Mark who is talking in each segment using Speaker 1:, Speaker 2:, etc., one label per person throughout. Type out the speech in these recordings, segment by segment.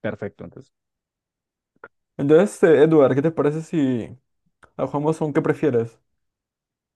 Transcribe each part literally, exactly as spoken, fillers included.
Speaker 1: Perfecto, entonces.
Speaker 2: Entonces, eh, Edward, ¿qué te parece si la jugamos a un qué prefieres?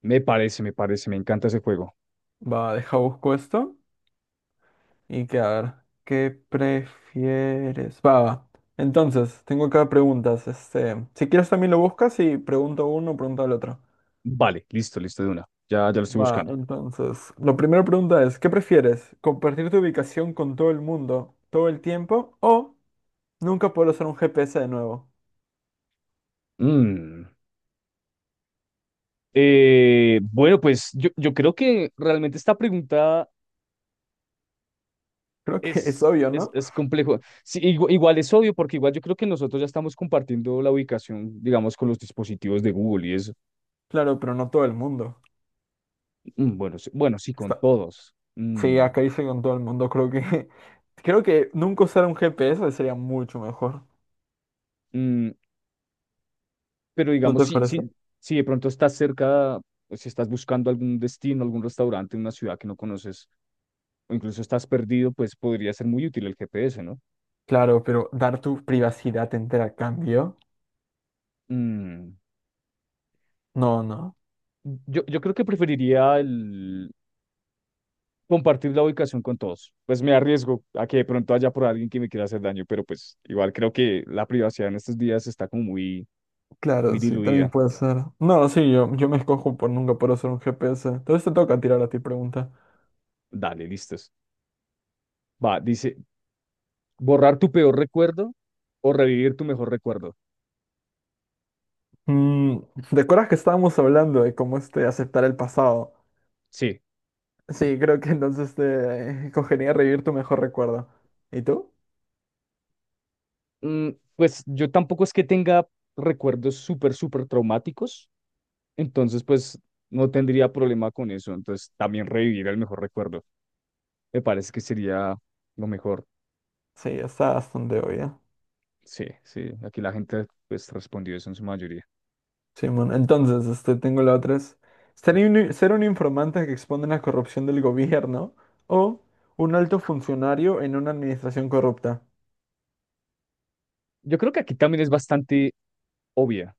Speaker 1: Me parece, me parece, me encanta ese juego.
Speaker 2: Va, deja busco esto y que a ver, ¿qué prefieres? Va, va. Entonces, tengo acá preguntas. Este, si quieres también lo buscas y pregunto uno, pregunta al otro.
Speaker 1: Vale, listo, listo de una. Ya, ya lo estoy
Speaker 2: Va,
Speaker 1: buscando.
Speaker 2: entonces, la primera pregunta es, ¿qué prefieres? ¿Compartir tu ubicación con todo el mundo todo el tiempo o nunca poder usar un G P S de nuevo?
Speaker 1: Mm. Eh, bueno, pues yo, yo creo que realmente esta pregunta
Speaker 2: Creo que es
Speaker 1: es,
Speaker 2: obvio,
Speaker 1: es,
Speaker 2: ¿no?
Speaker 1: es complejo. Sí, igu- igual, es obvio, porque igual yo creo que nosotros ya estamos compartiendo la ubicación, digamos, con los dispositivos de Google y es,
Speaker 2: Claro, pero no todo el mundo.
Speaker 1: mm, bueno, sí- bueno, sí, con
Speaker 2: Está,
Speaker 1: todos.
Speaker 2: Sí,
Speaker 1: Mm,
Speaker 2: acá hice con todo el mundo. Creo que creo que nunca usar un G P S sería mucho mejor.
Speaker 1: mm, pero
Speaker 2: ¿No
Speaker 1: digamos,
Speaker 2: te
Speaker 1: si,
Speaker 2: parece?
Speaker 1: si, si de pronto estás cerca, o si estás buscando algún destino, algún restaurante en una ciudad que no conoces, o incluso estás perdido, pues podría ser muy útil el G P S, ¿no?
Speaker 2: Claro, pero dar tu privacidad entera a cambio.
Speaker 1: Mm,
Speaker 2: No, no.
Speaker 1: Yo, yo creo que preferiría el compartir la ubicación con todos. Pues me arriesgo a que de pronto haya por alguien que me quiera hacer daño, pero pues igual creo que la privacidad en estos días está como muy, muy
Speaker 2: Claro, sí, también
Speaker 1: diluida.
Speaker 2: puede ser. No, sí, yo, yo me escojo por nunca poder usar un G P S. Entonces te toca tirar a ti pregunta.
Speaker 1: Dale, listos. Va, dice, borrar tu peor recuerdo o revivir tu mejor recuerdo.
Speaker 2: Mm, ¿te acuerdas que estábamos hablando de cómo este aceptar el pasado?
Speaker 1: Sí.
Speaker 2: Sí, creo que entonces te eh, cogería revivir tu mejor recuerdo. ¿Y tú?
Speaker 1: Mm, pues yo tampoco es que tenga recuerdos súper, súper traumáticos. Entonces, pues no tendría problema con eso. Entonces, también revivir el mejor recuerdo. Me parece que sería lo mejor.
Speaker 2: Sí, está bastante obvio.
Speaker 1: Sí, sí. Aquí la gente pues respondió eso en su mayoría.
Speaker 2: Simón, entonces, este, tengo la otra es ser un, ser un informante que expone la corrupción del gobierno o un alto funcionario en una administración corrupta.
Speaker 1: Yo creo que aquí también es bastante obvia,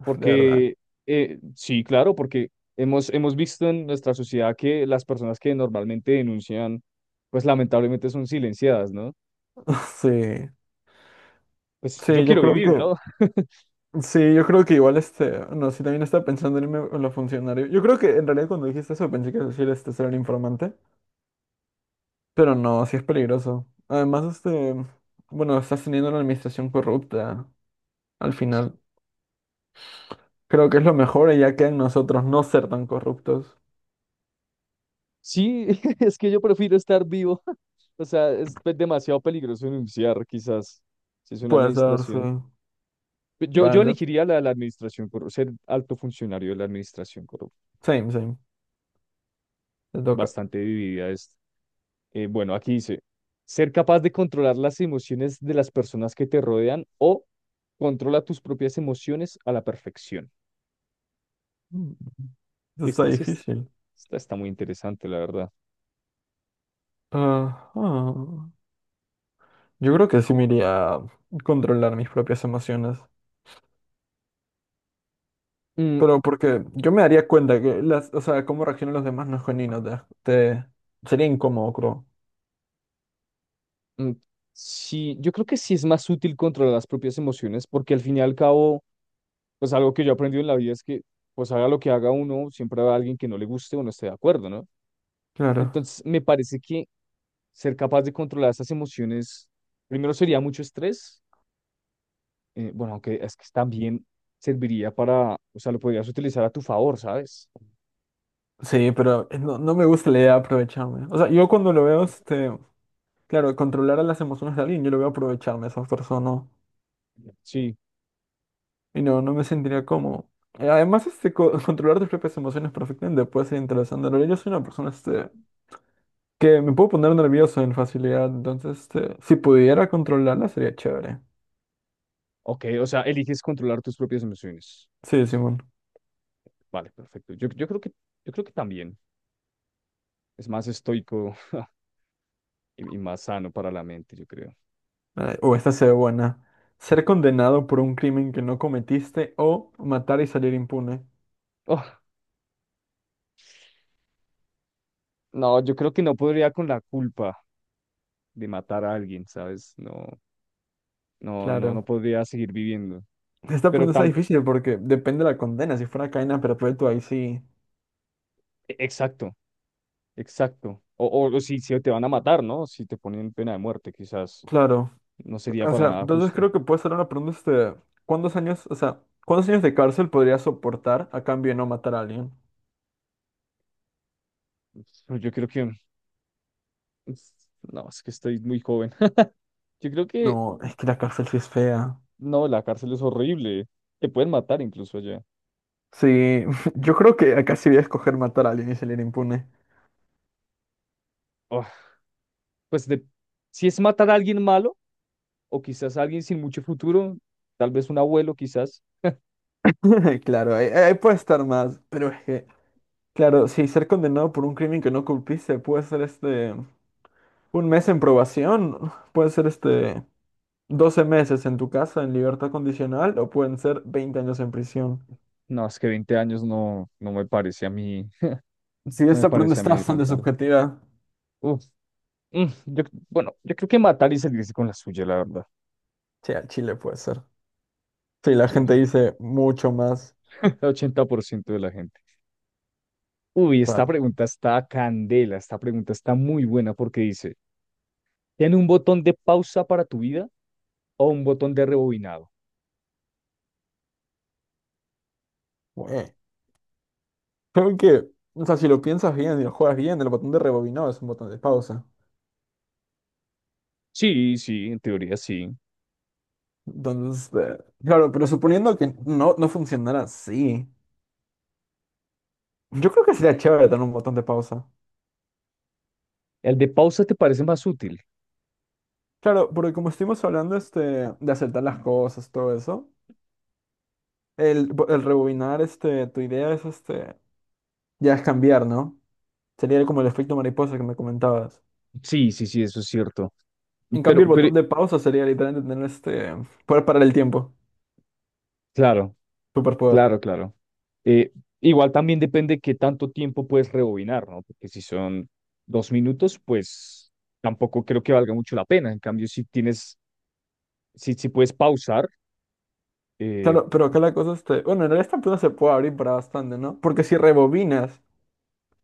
Speaker 2: ¿De verdad?
Speaker 1: porque eh, sí, claro, porque hemos, hemos visto en nuestra sociedad que las personas que normalmente denuncian, pues lamentablemente son silenciadas, ¿no?
Speaker 2: Sí.
Speaker 1: Pues yo
Speaker 2: Sí, yo
Speaker 1: quiero
Speaker 2: creo
Speaker 1: vivir, ¿no?
Speaker 2: que sí, yo creo que igual este, no, sí también estaba pensando en irme con lo funcionario. Yo creo que en realidad cuando dijiste eso pensé que ibas a decir este ser un informante, pero no, sí es peligroso. Además, este, bueno, estás teniendo una administración corrupta al final. Creo que es lo mejor y ya queda en nosotros no ser tan corruptos.
Speaker 1: Sí, es que yo prefiero estar vivo. O sea, es pe- demasiado peligroso denunciar, quizás, si es una
Speaker 2: Puedes
Speaker 1: administración.
Speaker 2: darse
Speaker 1: Pe- Yo, yo
Speaker 2: Bando.
Speaker 1: elegiría la de la administración corrupta, ser alto funcionario de la administración corrupta.
Speaker 2: Same, same. Te toca.
Speaker 1: Bastante dividida es. Eh, bueno, aquí dice, ser capaz de controlar las emociones de las personas que te rodean o controla tus propias emociones a la perfección.
Speaker 2: Mm, Esto está
Speaker 1: Esta sí es,
Speaker 2: difícil.
Speaker 1: esta está muy interesante, la verdad.
Speaker 2: Ajá. Yo creo que sí me iría a controlar mis propias emociones.
Speaker 1: Mm,
Speaker 2: Pero porque yo me daría cuenta que las, o sea, cómo reaccionan los demás no es genuino. Te, te- sería incómodo, creo.
Speaker 1: mm, sí, yo creo que sí es más útil controlar las propias emociones porque al fin y al cabo pues algo que yo he aprendido en la vida es que, pues haga lo que haga uno, siempre va a alguien que no le guste o no esté de acuerdo, ¿no?
Speaker 2: Claro.
Speaker 1: Entonces, me parece que ser capaz de controlar esas emociones, primero sería mucho estrés, eh, bueno, aunque es que también serviría para, o sea, lo podrías utilizar a tu favor, ¿sabes?
Speaker 2: Sí, pero no, no me gusta la idea de aprovecharme. O sea, yo cuando lo veo, este, claro, controlar a las emociones de alguien, yo lo veo aprovecharme a esas personas.
Speaker 1: Sí,
Speaker 2: Y no, no me sentiría cómodo. Eh, Además, este, co- controlar tus propias emociones perfectamente puede ser interesante. En realidad, yo soy una persona este, que me puedo poner nervioso en facilidad. Entonces, este, si pudiera controlarla, sería chévere.
Speaker 1: ok, o sea, eliges controlar tus propias emociones.
Speaker 2: Sí, Simón.
Speaker 1: Vale, perfecto. Yo, yo creo que, yo creo que también es más estoico y, y más sano para la mente, yo creo.
Speaker 2: Eh, O esta se ve buena. Ser condenado por un crimen que no cometiste o matar y salir impune.
Speaker 1: Oh, no, yo creo que no podría con la culpa de matar a alguien, ¿sabes? No, no, no, no
Speaker 2: Claro.
Speaker 1: podría seguir viviendo.
Speaker 2: Esta
Speaker 1: Pero
Speaker 2: pregunta es
Speaker 1: tan,
Speaker 2: difícil porque depende de la condena. Si fuera cadena perpetua, ahí sí.
Speaker 1: exacto, exacto. O, o, o si, si te van a matar, ¿no? Si te ponen pena de muerte, quizás
Speaker 2: Claro.
Speaker 1: no sería
Speaker 2: O
Speaker 1: para
Speaker 2: sea,
Speaker 1: nada
Speaker 2: entonces
Speaker 1: justo.
Speaker 2: creo que puede ser una pregunta, este, ¿cuántos años, o sea, cuántos años de cárcel podría soportar a cambio de no matar a alguien?
Speaker 1: Pero Yo creo que, no, es que estoy muy joven. Yo creo que,
Speaker 2: No, es que la cárcel sí es fea.
Speaker 1: no, la cárcel es horrible. Te pueden matar incluso allá.
Speaker 2: Sí, yo creo que acá sí voy a escoger matar a alguien y salir impune.
Speaker 1: Ah, pues de, si es matar a alguien malo, o quizás a alguien sin mucho futuro, tal vez un abuelo, quizás.
Speaker 2: Claro, ahí, ahí puede estar más, pero es que, claro, si ser condenado por un crimen que no culpiste puede ser este, un mes en probación, puede ser este, doce meses en tu casa en libertad condicional o pueden ser veinte años en prisión.
Speaker 1: No, es que veinte años no, no me parece a mí,
Speaker 2: Sí,
Speaker 1: no me
Speaker 2: esta pregunta
Speaker 1: parece a
Speaker 2: está
Speaker 1: mí
Speaker 2: bastante
Speaker 1: rentar.
Speaker 2: subjetiva.
Speaker 1: Uf, mm, yo, bueno, yo creo que matar y salirse con la suya, la verdad.
Speaker 2: Sí, al Chile puede ser. Sí, la
Speaker 1: Sí,
Speaker 2: gente
Speaker 1: ya.
Speaker 2: dice mucho más.
Speaker 1: Ochenta por ciento de la gente. Uy,
Speaker 2: Va,
Speaker 1: esta pregunta está candela, esta pregunta está muy buena porque dice, ¿tiene un botón de pausa para tu vida o un botón de rebobinado?
Speaker 2: güey. Creo que, o sea, si lo piensas bien y lo juegas bien, el botón de rebobinado es un botón de pausa.
Speaker 1: Sí, sí, en teoría sí.
Speaker 2: Entonces, eh, claro, pero suponiendo que no, no funcionara así, yo creo que sería chévere tener un botón de pausa.
Speaker 1: ¿El de pausa te parece más útil?
Speaker 2: Claro, porque como estuvimos hablando este, de acertar las cosas, todo eso, el, bo- el rebobinar este, tu idea es este, ya es cambiar, ¿no? Sería como el efecto mariposa que me comentabas.
Speaker 1: Sí, sí, sí, eso es cierto.
Speaker 2: En cambio, el
Speaker 1: Pero, pero,
Speaker 2: botón de pausa sería literalmente tener este poder parar el tiempo,
Speaker 1: Claro,
Speaker 2: superpoder.
Speaker 1: claro, claro. Eh, Igual también depende qué tanto tiempo puedes rebobinar, ¿no? Porque si son dos minutos, pues tampoco creo que valga mucho la pena. En cambio, si tienes, si, si puedes pausar, eh,
Speaker 2: Claro, pero acá la cosa este, bueno, en realidad esta pregunta se puede abrir para bastante, ¿no? Porque si rebobinas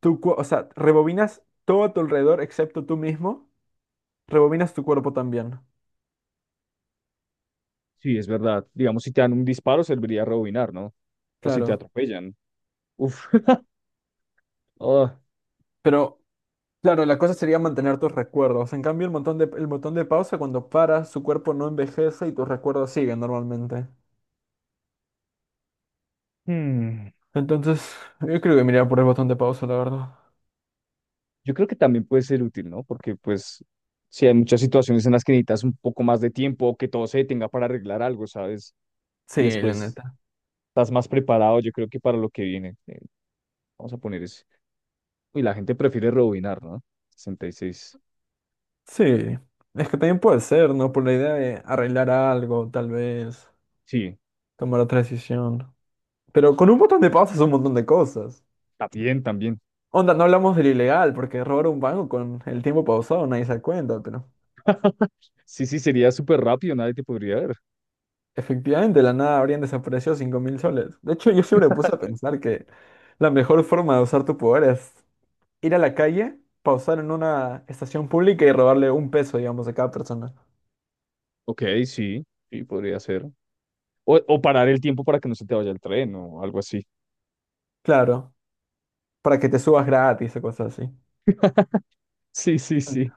Speaker 2: tu, cu- o sea, rebobinas todo a tu alrededor excepto tú mismo, rebobinas tu cuerpo también.
Speaker 1: sí, es verdad. Digamos, si te dan un disparo, serviría rebobinar, ¿no? O si te
Speaker 2: Claro,
Speaker 1: atropellan. Uf. Oh.
Speaker 2: pero claro, la cosa sería mantener tus recuerdos. En cambio, el botón de el botón de pausa cuando paras, su cuerpo no envejece y tus recuerdos siguen normalmente.
Speaker 1: Hmm.
Speaker 2: Entonces, yo creo que miraría por el botón de pausa, la verdad.
Speaker 1: Yo creo que también puede ser útil, ¿no? Porque pues si hay muchas situaciones en las que necesitas un poco más de tiempo o que todo se detenga para arreglar algo, ¿sabes? Y
Speaker 2: Sí, la
Speaker 1: después
Speaker 2: neta.
Speaker 1: estás más preparado, yo creo que para lo que viene. Eh, Vamos a poner ese. Y la gente prefiere rebobinar, ¿no? sesenta y seis.
Speaker 2: Sí, es que también puede ser, ¿no? Por la idea de arreglar algo, tal vez,
Speaker 1: Sí,
Speaker 2: tomar otra decisión. Pero con un botón de pausa es un montón de cosas.
Speaker 1: también, también.
Speaker 2: Onda, no hablamos del ilegal, porque robar un banco con el tiempo pausado nadie se da cuenta, pero
Speaker 1: Sí, sí, sería súper rápido, nadie te podría ver.
Speaker 2: efectivamente de la nada habrían desaparecido cinco mil soles. De hecho, yo siempre me puse a pensar que la mejor forma de usar tu poder es ir a la calle, pausar en una estación pública y robarle un peso, digamos, a cada persona.
Speaker 1: Ok, sí, sí, podría ser. O, o parar el tiempo para que no se te vaya el tren o algo así.
Speaker 2: Claro, para que te subas gratis o cosas así.
Speaker 1: Sí, sí, sí.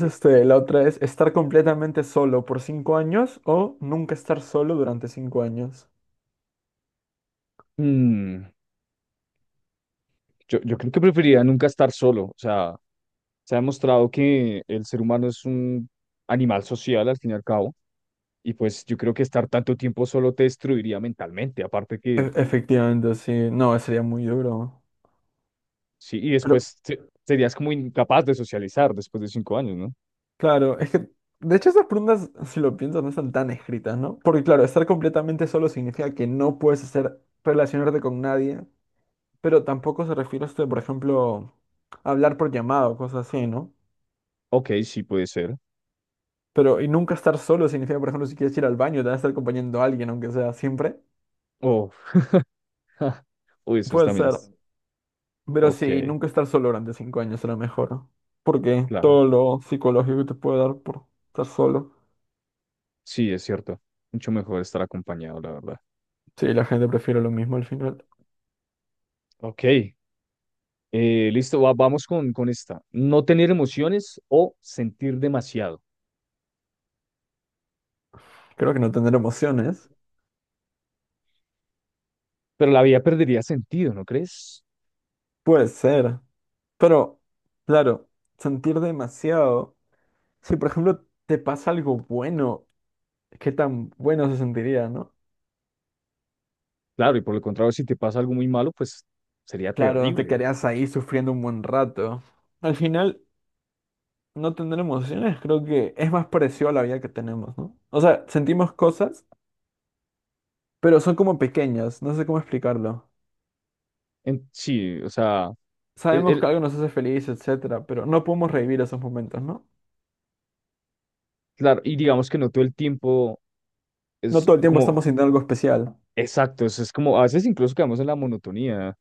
Speaker 1: Eh,
Speaker 2: este, la otra es estar completamente solo por cinco años o nunca estar solo durante cinco años.
Speaker 1: mm, yo, yo creo que preferiría nunca estar solo. O sea, se ha demostrado que el ser humano es un animal social al fin y al cabo. Y pues yo creo que estar tanto tiempo solo te destruiría mentalmente. Aparte que.
Speaker 2: E- efectivamente, sí. No, sería muy duro.
Speaker 1: Sí, y
Speaker 2: Pero,
Speaker 1: después te- serías como incapaz de socializar después de cinco años, ¿no?
Speaker 2: claro, es que, de hecho, esas preguntas, si lo piensas, no están tan escritas, ¿no? Porque, claro, estar completamente solo significa que no puedes hacer, relacionarte con nadie, pero tampoco se refiere a esto, de, por ejemplo, hablar por llamado, cosas así, ¿no?
Speaker 1: Ok, sí puede ser.
Speaker 2: Pero, y nunca estar solo significa, por ejemplo, si quieres ir al baño, te vas a estar acompañando a alguien, aunque sea siempre.
Speaker 1: Oh, uy, eso es
Speaker 2: Puede
Speaker 1: también
Speaker 2: ser.
Speaker 1: es.
Speaker 2: Pero
Speaker 1: Ok,
Speaker 2: sí, nunca estar solo durante cinco años será mejor. Porque
Speaker 1: claro.
Speaker 2: todo lo psicológico que te puede dar por estar solo.
Speaker 1: Sí, es cierto. Mucho mejor estar acompañado, la verdad.
Speaker 2: Sí, la gente prefiere lo mismo al final.
Speaker 1: Ok, eh, listo, va- vamos con, con esta. No tener emociones o sentir demasiado.
Speaker 2: Creo que no tener emociones.
Speaker 1: Pero la vida perdería sentido, ¿no crees?
Speaker 2: Puede ser. Pero, claro, sentir demasiado. Si, por ejemplo, te pasa algo bueno, ¿qué tan bueno se sentiría, no?
Speaker 1: Claro, y por el contrario, si te pasa algo muy malo, pues sería
Speaker 2: Claro, te
Speaker 1: terrible.
Speaker 2: quedarías ahí sufriendo un buen rato. Al final, no tener emociones creo que es más parecido a la vida que tenemos, ¿no? O sea, sentimos cosas pero son como pequeñas, no sé cómo explicarlo.
Speaker 1: En- sí, o sea, el,
Speaker 2: Sabemos que
Speaker 1: el-
Speaker 2: algo nos hace feliz, etcétera, pero no podemos revivir esos momentos, ¿no?
Speaker 1: claro, y digamos que no todo el tiempo
Speaker 2: No
Speaker 1: es
Speaker 2: todo el tiempo
Speaker 1: como.
Speaker 2: estamos sintiendo algo especial.
Speaker 1: Exacto, eso es como, a veces incluso quedamos en la monotonía.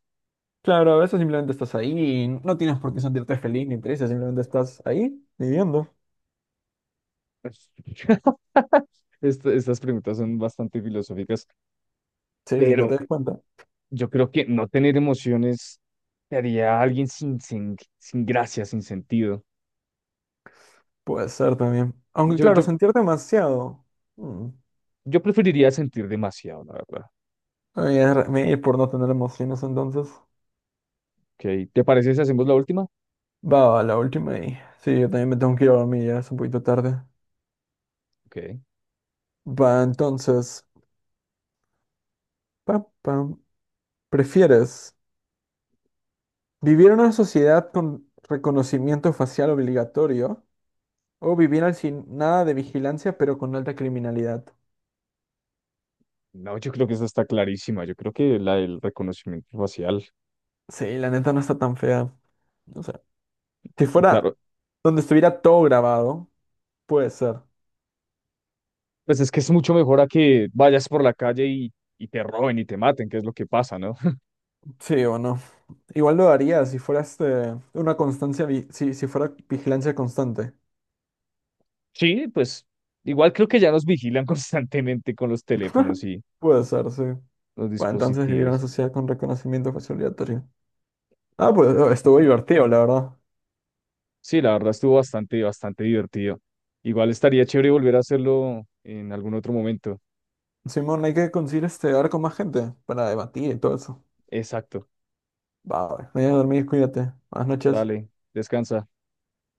Speaker 2: Claro, a veces simplemente estás ahí y no tienes por qué sentirte feliz ni triste, simplemente estás ahí viviendo,
Speaker 1: Est- estas preguntas son bastante filosóficas,
Speaker 2: sí, sin que te
Speaker 1: pero
Speaker 2: des cuenta.
Speaker 1: yo creo que no tener emociones te haría a alguien sin, sin, sin gracia, sin sentido.
Speaker 2: Puede ser también. Aunque
Speaker 1: Yo,
Speaker 2: claro,
Speaker 1: yo,
Speaker 2: sentir demasiado. mm,
Speaker 1: yo preferiría sentir demasiado, la verdad.
Speaker 2: Voy a re- me ir por no tener emociones entonces.
Speaker 1: Okay. ¿Te parece si hacemos la última?
Speaker 2: Va, la última y... Sí, yo también me tengo que ir a dormir, ya es un poquito tarde.
Speaker 1: Okay.
Speaker 2: Va, entonces... Pa, pam. ¿Prefieres? ¿Vivir en una sociedad con reconocimiento facial obligatorio o vivir al sin nada de vigilancia pero con alta criminalidad?
Speaker 1: No, yo creo que esta está clarísima. Yo creo que la del reconocimiento facial,
Speaker 2: Sí, la neta no está tan fea. O sea, si fuera
Speaker 1: claro,
Speaker 2: donde estuviera todo grabado, puede ser.
Speaker 1: pues es que es mucho mejor a que vayas por la calle y, y te roben y te maten, que es lo que pasa, ¿no?
Speaker 2: Sí o no. Igual lo haría si fuera este, una constancia, vi- si, si fuera vigilancia constante.
Speaker 1: Sí, pues igual creo que ya nos vigilan constantemente con los teléfonos y
Speaker 2: Puede ser, sí.
Speaker 1: los
Speaker 2: Bueno, entonces vivir en una
Speaker 1: dispositivos.
Speaker 2: sociedad con reconocimiento facial obligatorio. Ah, pues eh, estuvo divertido, la verdad.
Speaker 1: Sí, la verdad estuvo bastante, bastante divertido. Igual estaría chévere volver a hacerlo en algún otro momento.
Speaker 2: Simón, hay que conseguir este hablar con más gente para debatir y todo eso.
Speaker 1: Exacto.
Speaker 2: Va, vaya a dormir, cuídate. Buenas noches.
Speaker 1: Dale, descansa.